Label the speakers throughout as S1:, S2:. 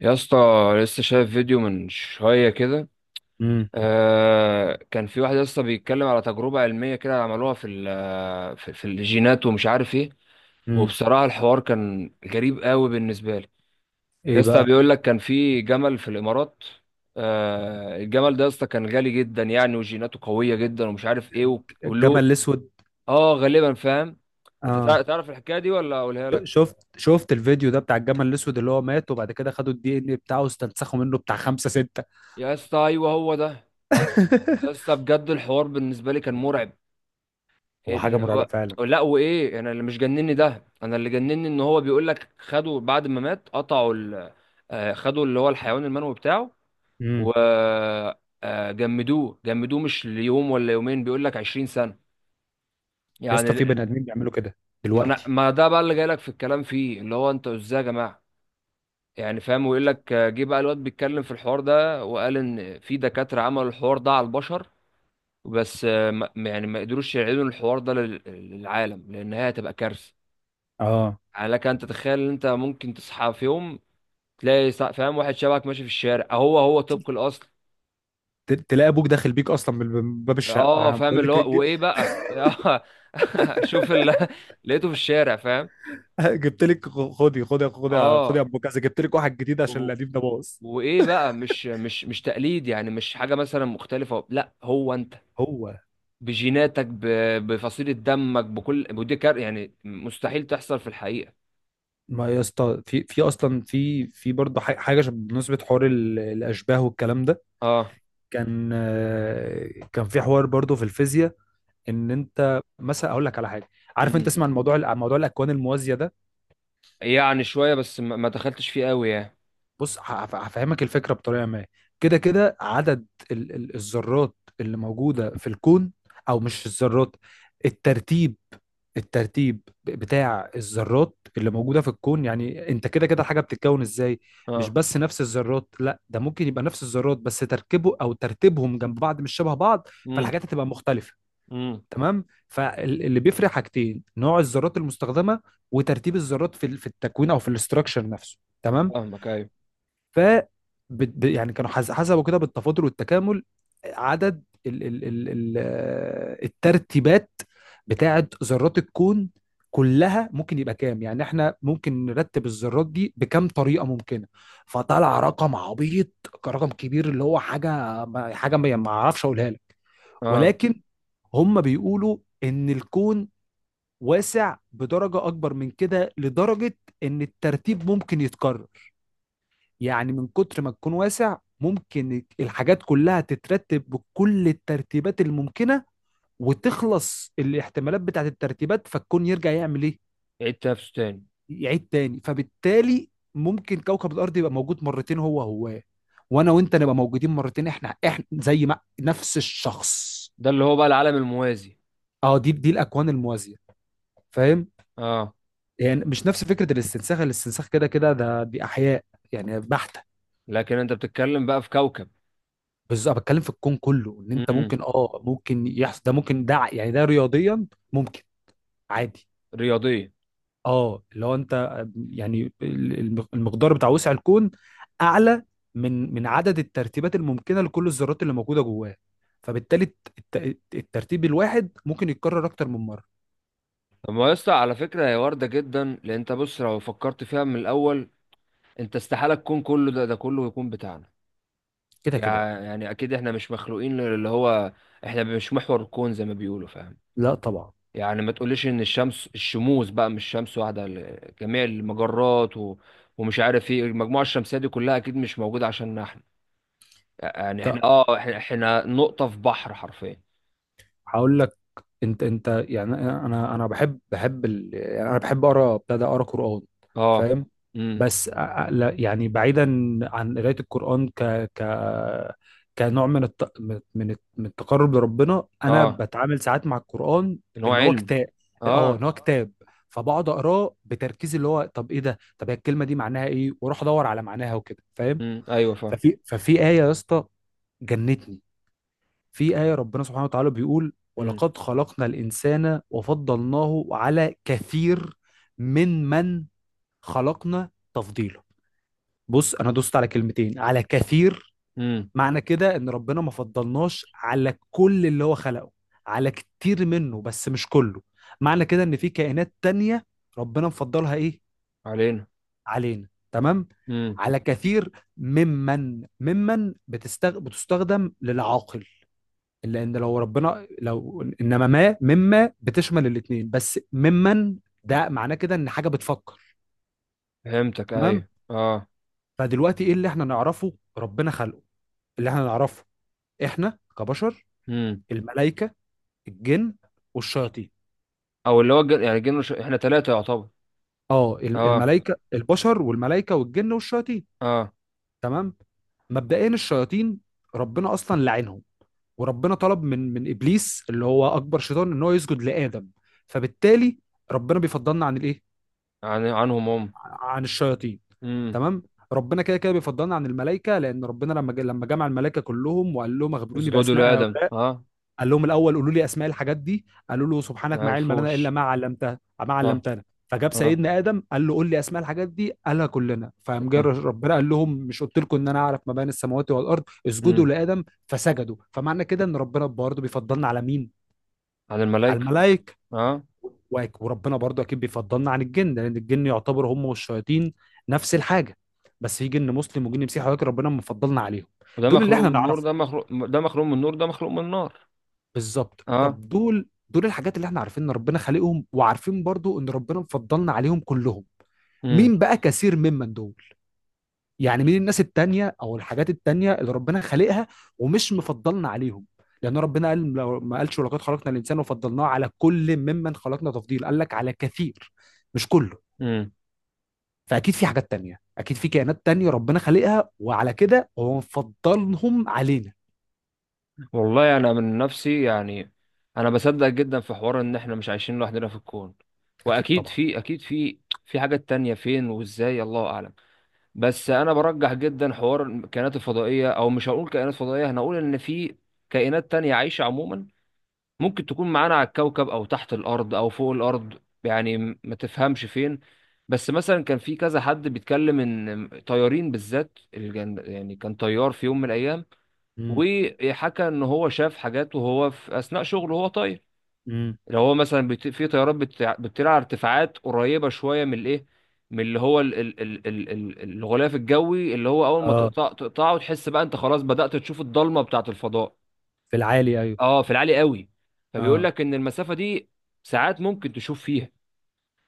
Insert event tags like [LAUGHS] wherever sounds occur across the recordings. S1: يا اسطى، لسه شايف فيديو من شوية كده.
S2: امم.
S1: آه، كان في واحد يا اسطى بيتكلم على تجربة علمية كده عملوها في ال- في في الجينات ومش عارف ايه.
S2: امم.
S1: وبصراحة الحوار كان غريب قوي بالنسبة لي. يا
S2: ايه
S1: اسطى،
S2: بقى؟
S1: بيقول لك كان في جمل في الإمارات. آه، الجمل ده يا اسطى كان غالي جدا يعني وجيناته قوية جدا ومش عارف ايه وله.
S2: الجمل الاسود؟
S1: اه، غالبا فاهم. انت تع-
S2: اه،
S1: تعرف الحكاية دي ولا اقولها لك؟
S2: شفت الفيديو ده بتاع الجمل الاسود اللي هو مات، وبعد كده خدوا الدي ان بتاعه واستنسخوا منه بتاع خمسة ستة.
S1: يا اسطى ايوه، هو ده. طب، يا اسطى
S2: [LAUGHS]
S1: بجد الحوار بالنسبة لي كان مرعب.
S2: هو حاجة
S1: اللي
S2: مرعبة
S1: هو،
S2: فعلا.
S1: لا وايه، انا اللي مش جنني ده، انا اللي جنني ان هو بيقول لك خدوا بعد ما مات قطعوا ال... آه، خدوا اللي هو الحيوان المنوي بتاعه. و
S2: امم.
S1: جمدوه جمدوه مش ليوم ولا يومين، بيقول لك 20 سنة.
S2: يا
S1: يعني
S2: اسطى، في بني ادمين بيعملوا كده دلوقتي.
S1: ما ده بقى اللي جاي لك في الكلام فيه، اللي هو انتوا ازاي يا جماعة؟ يعني فاهم. ويقول لك جه بقى الواد بيتكلم في الحوار ده وقال ان في دكاترة عملوا الحوار ده على البشر. بس يعني ما قدروش يعيدوا الحوار ده للعالم لان هي هتبقى كارثة.
S2: اه،
S1: يعني لك ان تتخيل ان انت ممكن تصحى في يوم، تلاقي فاهم واحد شبهك ماشي في الشارع، هو هو طبق الاصل.
S2: تلاقي ابوك داخل بيك اصلا من باب
S1: اه
S2: الشقه،
S1: فاهم،
S2: بقول
S1: اللي
S2: لك إيه، [LAUGHS]
S1: هو وايه بقى [LAUGHS] شوف اللي [LAUGHS] لقيته في الشارع، فاهم.
S2: جبت لك، خدي خدي خدي خدي يا
S1: اه.
S2: ابو كذا، جبت لك واحد جديد عشان
S1: و...
S2: القديم ده باظ.
S1: وايه بقى؟ مش تقليد، يعني مش حاجه مثلا مختلفه. لا، هو انت
S2: هو،
S1: بجيناتك بفصيله دمك بكل ودي كار، يعني مستحيل تحصل في الحقيقه.
S2: ما يا اسطى، في اصلا في برضه حاجه بالنسبه حوار الاشباه والكلام ده،
S1: اه.
S2: كان في حوار برضو في الفيزياء، ان انت مثلا اقول لك على حاجه. عارف انت
S1: امم.
S2: تسمع الموضوع عن موضوع الاكوان الموازيه ده؟
S1: يعني شويه بس، ما دخلتش فيه قوي يعني.
S2: بص، هفهمك الفكره بطريقه ما. كده كده عدد ال الذرات اللي موجوده في الكون، او مش الذرات، الترتيب، بتاع الذرات اللي موجوده في الكون، يعني انت كده كده الحاجه بتتكون ازاي. مش
S1: اه.
S2: بس نفس الذرات، لا، ده ممكن يبقى نفس الذرات بس تركيبه او ترتيبهم جنب بعض مش شبه بعض، فالحاجات هتبقى مختلفه.
S1: امم.
S2: تمام، فاللي بيفرق حاجتين نوع الذرات المستخدمه وترتيب الذرات في التكوين او في الاستراكشر نفسه. تمام.
S1: فاهمك ايوه،
S2: ف يعني كانوا حسبوا كده بالتفاضل والتكامل عدد ال ال ال ال آه، الترتيبات بتاعت ذرات الكون كلها، ممكن يبقى كام، يعني احنا ممكن نرتب الذرات دي بكام طريقه ممكنه. فطلع رقم عبيط، رقم كبير، اللي هو حاجه حاجه ما اعرفش اقولها لك.
S1: اه.
S2: ولكن هم بيقولوا ان الكون واسع بدرجة أكبر من كده، لدرجة إن الترتيب ممكن يتكرر. يعني من كتر ما تكون واسع، ممكن الحاجات كلها تترتب بكل الترتيبات الممكنة، وتخلص الاحتمالات بتاعت الترتيبات، فالكون يرجع يعمل إيه؟
S1: يعيد تنافسه تاني.
S2: يعيد تاني. فبالتالي ممكن كوكب الأرض يبقى موجود مرتين، هو هو، وأنا وأنت نبقى موجودين مرتين، إحنا إحنا، زي ما نفس الشخص.
S1: ده اللي هو بقى العالم الموازي.
S2: أه، دي الأكوان الموازية. فاهم؟
S1: اه.
S2: يعني مش نفس فكره الاستنساخ. الاستنساخ كده كده ده دي احياء يعني بحته.
S1: لكن انت بتتكلم بقى في كوكب.
S2: بس انا بتكلم في الكون كله، ان انت
S1: امم.
S2: ممكن، ممكن يحصل ده، ممكن ده، يعني ده رياضيا ممكن. عادي.
S1: رياضيه.
S2: اه، اللي هو انت، يعني المقدار بتاع وسع الكون اعلى من عدد الترتيبات الممكنه لكل الذرات اللي موجوده جواه، فبالتالي الترتيب الواحد ممكن يتكرر اكتر من مره.
S1: طب ما يا اسطى، على فكره هي وارده جدا، لان انت بص لو فكرت فيها من الاول، انت استحاله تكون كله ده، ده كله يكون بتاعنا.
S2: كده كده.
S1: يعني اكيد احنا مش مخلوقين، اللي هو احنا مش محور الكون زي ما بيقولوا، فاهم.
S2: لا، طبعا.
S1: يعني ما تقوليش ان الشمس، الشموس بقى مش شمس واحده، جميع المجرات و... ومش عارف ايه، المجموعه الشمسيه دي كلها اكيد مش موجوده عشان احنا. يعني
S2: لا،
S1: احنا، احنا نقطة في بحر حرفيا.
S2: هقول لك، انت يعني انا بحب يعني انا بحب اقرا، ابتدى اقرا قران.
S1: اه.
S2: فاهم؟
S1: امم.
S2: بس لا، يعني بعيدا عن قرايه القران، ك ك كنوع من من التقرب لربنا، انا
S1: اه،
S2: بتعامل ساعات مع القران.
S1: ان هو
S2: ان هو
S1: علم.
S2: كتاب. اه. ان
S1: اه.
S2: هو كتاب. فبقعد اقراه بتركيز، اللي هو طب ايه ده، طب هي الكلمه دي معناها ايه، واروح ادور على معناها وكده. فاهم.
S1: ايوه فاهم.
S2: ففي ايه يا اسطى؟ جنتني. في آية ربنا سبحانه وتعالى بيقول:
S1: امم.
S2: ولقد خلقنا الإنسان وفضلناه على كثير من خلقنا تفضيلا. بص، أنا دوست على كلمتين، على كثير.
S1: امم.
S2: معنى كده إن ربنا ما فضلناش على كل اللي هو خلقه، على كتير منه، بس مش كله. معنى كده إن في كائنات تانية ربنا مفضلها إيه؟
S1: علينا.
S2: علينا. تمام.
S1: امم.
S2: على كثير ممن، بتستخدم للعاقل، لان لو ربنا، لو انما، ما، مما بتشمل الاثنين، بس ممن، ده معناه كده ان حاجه بتفكر.
S1: فهمتك
S2: تمام.
S1: ايوه، اه.
S2: فدلوقتي ايه اللي احنا نعرفه ربنا خلقه؟ اللي احنا نعرفه احنا كبشر،
S1: امم.
S2: الملائكه، الجن والشياطين.
S1: او اللي هو جن... يعني جن ش... احنا ثلاثة يعتبر.
S2: اه، ال-
S1: اه.
S2: الملائكه البشر والملائكه والجن والشياطين.
S1: اه.
S2: تمام. مبدئيا الشياطين ربنا اصلا لعنهم، وربنا طلب من ابليس اللي هو اكبر شيطان ان هو يسجد لادم، فبالتالي ربنا بيفضلنا عن الايه؟
S1: عن... عنهم هم.
S2: عن الشياطين.
S1: امم.
S2: تمام. ربنا كده كده بيفضلنا عن الملائكه، لان ربنا لما لما جمع الملائكه كلهم وقال لهم: اخبروني
S1: اسجدوا
S2: باسماء
S1: لآدم،
S2: هؤلاء.
S1: اه.
S2: قال لهم الاول: قولوا لي اسماء الحاجات دي. قالوا له:
S1: ما
S2: سبحانك ما علم لنا الا
S1: عرفوش.
S2: ما علمتها، ما
S1: صح.
S2: علمتنا. فجاب
S1: اه.
S2: سيدنا ادم قال له: قول لي اسماء الحاجات دي، قالها كلنا. فقام جه
S1: اه.
S2: ربنا قال لهم: مش قلت لكم ان انا اعرف ما بين السماوات والارض؟ اسجدوا
S1: امم.
S2: لادم. فسجدوا. فمعنى كده ان ربنا برضه بيفضلنا على مين؟
S1: عن
S2: على
S1: الملائكة.
S2: الملائكه.
S1: اه.
S2: وربنا برضو اكيد بيفضلنا عن الجن، لان الجن يعتبر هم والشياطين نفس الحاجه، بس في جن مسلم وجن مسيحي، ولكن ربنا مفضلنا عليهم.
S1: وده
S2: دول اللي
S1: مخلوق
S2: احنا
S1: من النور، ده
S2: نعرفهم
S1: مخلوق، ده مخلوق من النور، ده مخلوق من النار.
S2: بالظبط.
S1: اه.
S2: طب دول، الحاجات اللي احنا عارفين ان ربنا خالقهم، وعارفين برضو ان ربنا مفضلنا عليهم كلهم، مين بقى كثير ممن دول؟ يعني مين الناس التانية او الحاجات التانية اللي ربنا خالقها ومش مفضلنا عليهم؟ لان ربنا قال، لو ما قالش ولقد خلقنا الانسان وفضلناه على كل ممن خلقنا تفضيل، قال لك على كثير، مش كله.
S1: امم.
S2: فاكيد في حاجات تانية، اكيد في كائنات تانية ربنا خلقها، وعلى كده هو مفضلهم علينا.
S1: والله انا من نفسي يعني، انا بصدق جدا في حوار ان احنا مش عايشين لوحدنا في الكون.
S2: اكيد
S1: واكيد
S2: طبعا.
S1: في، اكيد في في حاجات تانية، فين وازاي الله اعلم. بس انا برجح جدا حوار الكائنات الفضائية. او مش هقول كائنات فضائية، هنقول ان في كائنات تانية عايشة عموما. ممكن تكون معانا على الكوكب، او تحت الارض، او فوق الارض. يعني ما تفهمش فين. بس مثلا كان في كذا حد بيتكلم ان طيارين بالذات، يعني كان طيار في يوم من الايام،
S2: امم.
S1: وحكى ان هو شاف حاجات وهو في اثناء شغله وهو طاير.
S2: امم.
S1: اللي هو مثلا في طيارات بتطير على ارتفاعات قريبه شويه من الايه، من اللي هو الغلاف الجوي اللي هو اول ما
S2: اه.
S1: تقطع تقطعه، تحس بقى انت خلاص بدأت تشوف الضلمه بتاعه الفضاء.
S2: في العالي، ايوه.
S1: اه في العالي قوي. فبيقول
S2: اه.
S1: لك ان المسافه دي ساعات ممكن تشوف فيها.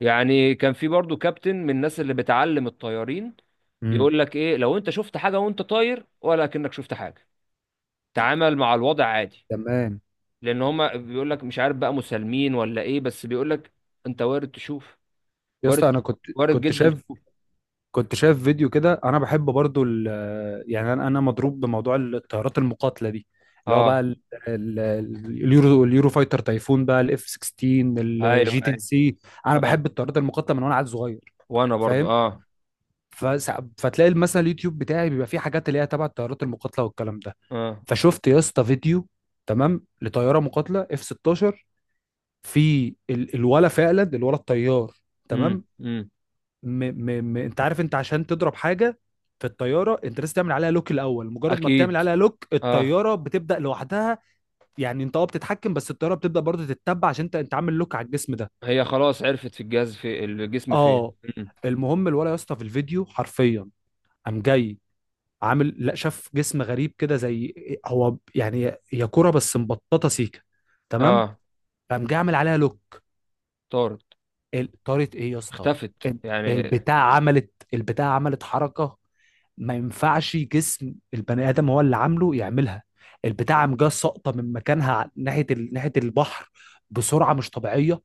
S1: يعني كان في برضو كابتن من الناس اللي بتعلم الطيارين،
S2: امم.
S1: يقول لك ايه لو انت شفت حاجه وانت طاير، ولا كأنك شفت حاجه، تعامل مع الوضع عادي.
S2: تمام.
S1: لان هما بيقول لك مش عارف بقى مسالمين ولا ايه، بس بيقول لك انت وارد تشوف.
S2: يا
S1: وارد.
S2: اسطى، انا
S1: وارد جدا تشوف.
S2: كنت شايف فيديو كده. انا بحب برضو يعني انا مضروب بموضوع الطيارات المقاتله دي، اللي هو بقى
S1: اه.
S2: اليورو فايتر تايفون، بقى الاف 16،
S1: ايوه
S2: الجي 10
S1: ايوه.
S2: سي. انا
S1: اه.
S2: بحب الطيارات المقاتله من وانا عيل صغير.
S1: وانا برضو
S2: فاهم؟
S1: اه.
S2: فتلاقي مثلا اليوتيوب بتاعي بيبقى فيه حاجات اللي هي تبع الطيارات المقاتله والكلام ده.
S1: اه.
S2: فشفت يا اسطى فيديو، تمام، لطياره مقاتله اف 16، الولا، فعلا، الولا الطيار.
S1: امم.
S2: تمام.
S1: امم.
S2: انت عارف، انت عشان تضرب حاجه في الطياره، انت لازم تعمل عليها لوك الاول. مجرد ما بتعمل
S1: اكيد.
S2: عليها لوك
S1: اه.
S2: الطياره بتبدا لوحدها، يعني انت بتتحكم، بس الطياره بتبدا برضه تتبع عشان انت عامل لوك على الجسم ده.
S1: هي خلاص عرفت في الجهاز، في الجسم فين.
S2: اه.
S1: أمم.
S2: المهم الولا يا اسطى في الفيديو حرفيا قام جاي عامل، لا، شاف جسم غريب كده، زي هو يعني هي كرة بس مبططة سيكة، تمام،
S1: اه.
S2: قام جه عامل عليها لوك.
S1: طارت.
S2: طارت، ايه يا اسطى؟
S1: اختفت
S2: ال-
S1: يعني.
S2: البتاع عملت حركة ما ينفعش جسم البني آدم هو اللي عامله يعملها. البتاع قام جه ساقطة من مكانها، ناحية البحر، بسرعة مش طبيعية.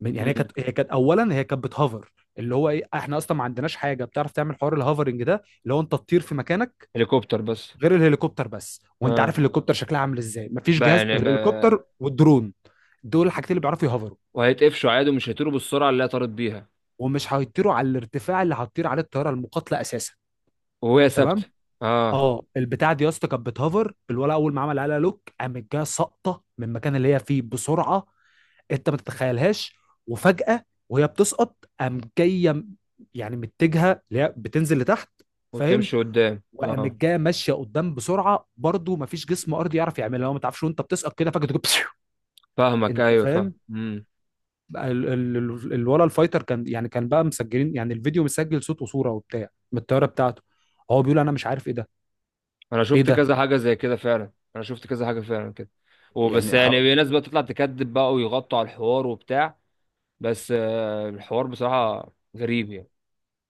S2: يعني، هي
S1: امم.
S2: كانت هي كانت أولا هي كانت بتهوفر. اللي هو ايه، احنا اصلا ما عندناش حاجة بتعرف تعمل حوار الهوفرنج ده، اللي هو انت تطير في مكانك،
S1: هليكوبتر بس.
S2: غير الهليكوبتر بس. وانت
S1: اه
S2: عارف الهليكوبتر شكلها عامل ازاي. مفيش
S1: بقى
S2: جهاز،
S1: يعني بقى.
S2: الهليكوبتر والدرون، دول الحاجتين اللي بيعرفوا يهوفروا،
S1: وهيتقفشوا عادي، ومش هيطيروا بالسرعه اللي هي طارت بيها.
S2: ومش هيطيروا على الارتفاع اللي هتطير عليه الطياره المقاتله اساسا.
S1: وهي
S2: تمام.
S1: ثابته. اه.
S2: اه، البتاع دي يا اسطى كانت بتهوفر. الولا اول ما عمل عليها لوك، قامت جايه ساقطه من المكان اللي هي فيه بسرعه انت ما تتخيلهاش. وفجاه وهي بتسقط قام جايه يعني متجهه اللي هي بتنزل لتحت. فاهم.
S1: وتمشي قدام،
S2: وقامت
S1: اه.
S2: جايه ماشيه قدام بسرعه برضو، ما فيش جسم ارضي يعرف يعملها، هو ما تعرفش وانت بتسقط كده فجاه تجيب؟ [LAUGHS]
S1: فاهمك
S2: انت
S1: ايوه، فاهم.
S2: فاهم.
S1: مم.
S2: بقى الولا الفايتر كان كان بقى مسجلين، يعني الفيديو مسجل صوت وصوره وبتاع، من الطياره بتاعته، هو بيقول انا مش عارف ايه ده.
S1: انا
S2: ايه
S1: شفت
S2: ده
S1: كذا حاجه زي كده فعلا، انا شفت كذا حاجه فعلا كده. وبس
S2: يعني،
S1: يعني في ناس بقى تطلع تكذب بقى ويغطوا على الحوار وبتاع. بس الحوار بصراحه غريب يعني.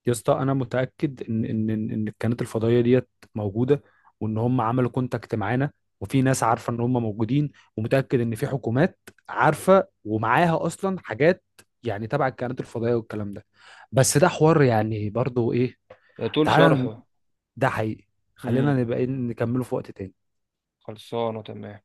S2: يا اسطى انا متاكد ان ان ان إن الكائنات الفضائيه ديت موجوده، وان هم عملوا كونتاكت معانا، وفي ناس عارفه ان هم موجودين، ومتاكد ان في حكومات عارفه ومعاها اصلا حاجات يعني تبع الكائنات الفضائيه والكلام ده، بس ده حوار يعني برضو ايه،
S1: يطول
S2: تعالى،
S1: شرحه.
S2: ده حقيقي، خلينا
S1: امم.
S2: نبقى إيه، نكمله في وقت تاني.
S1: خلصانه تمام.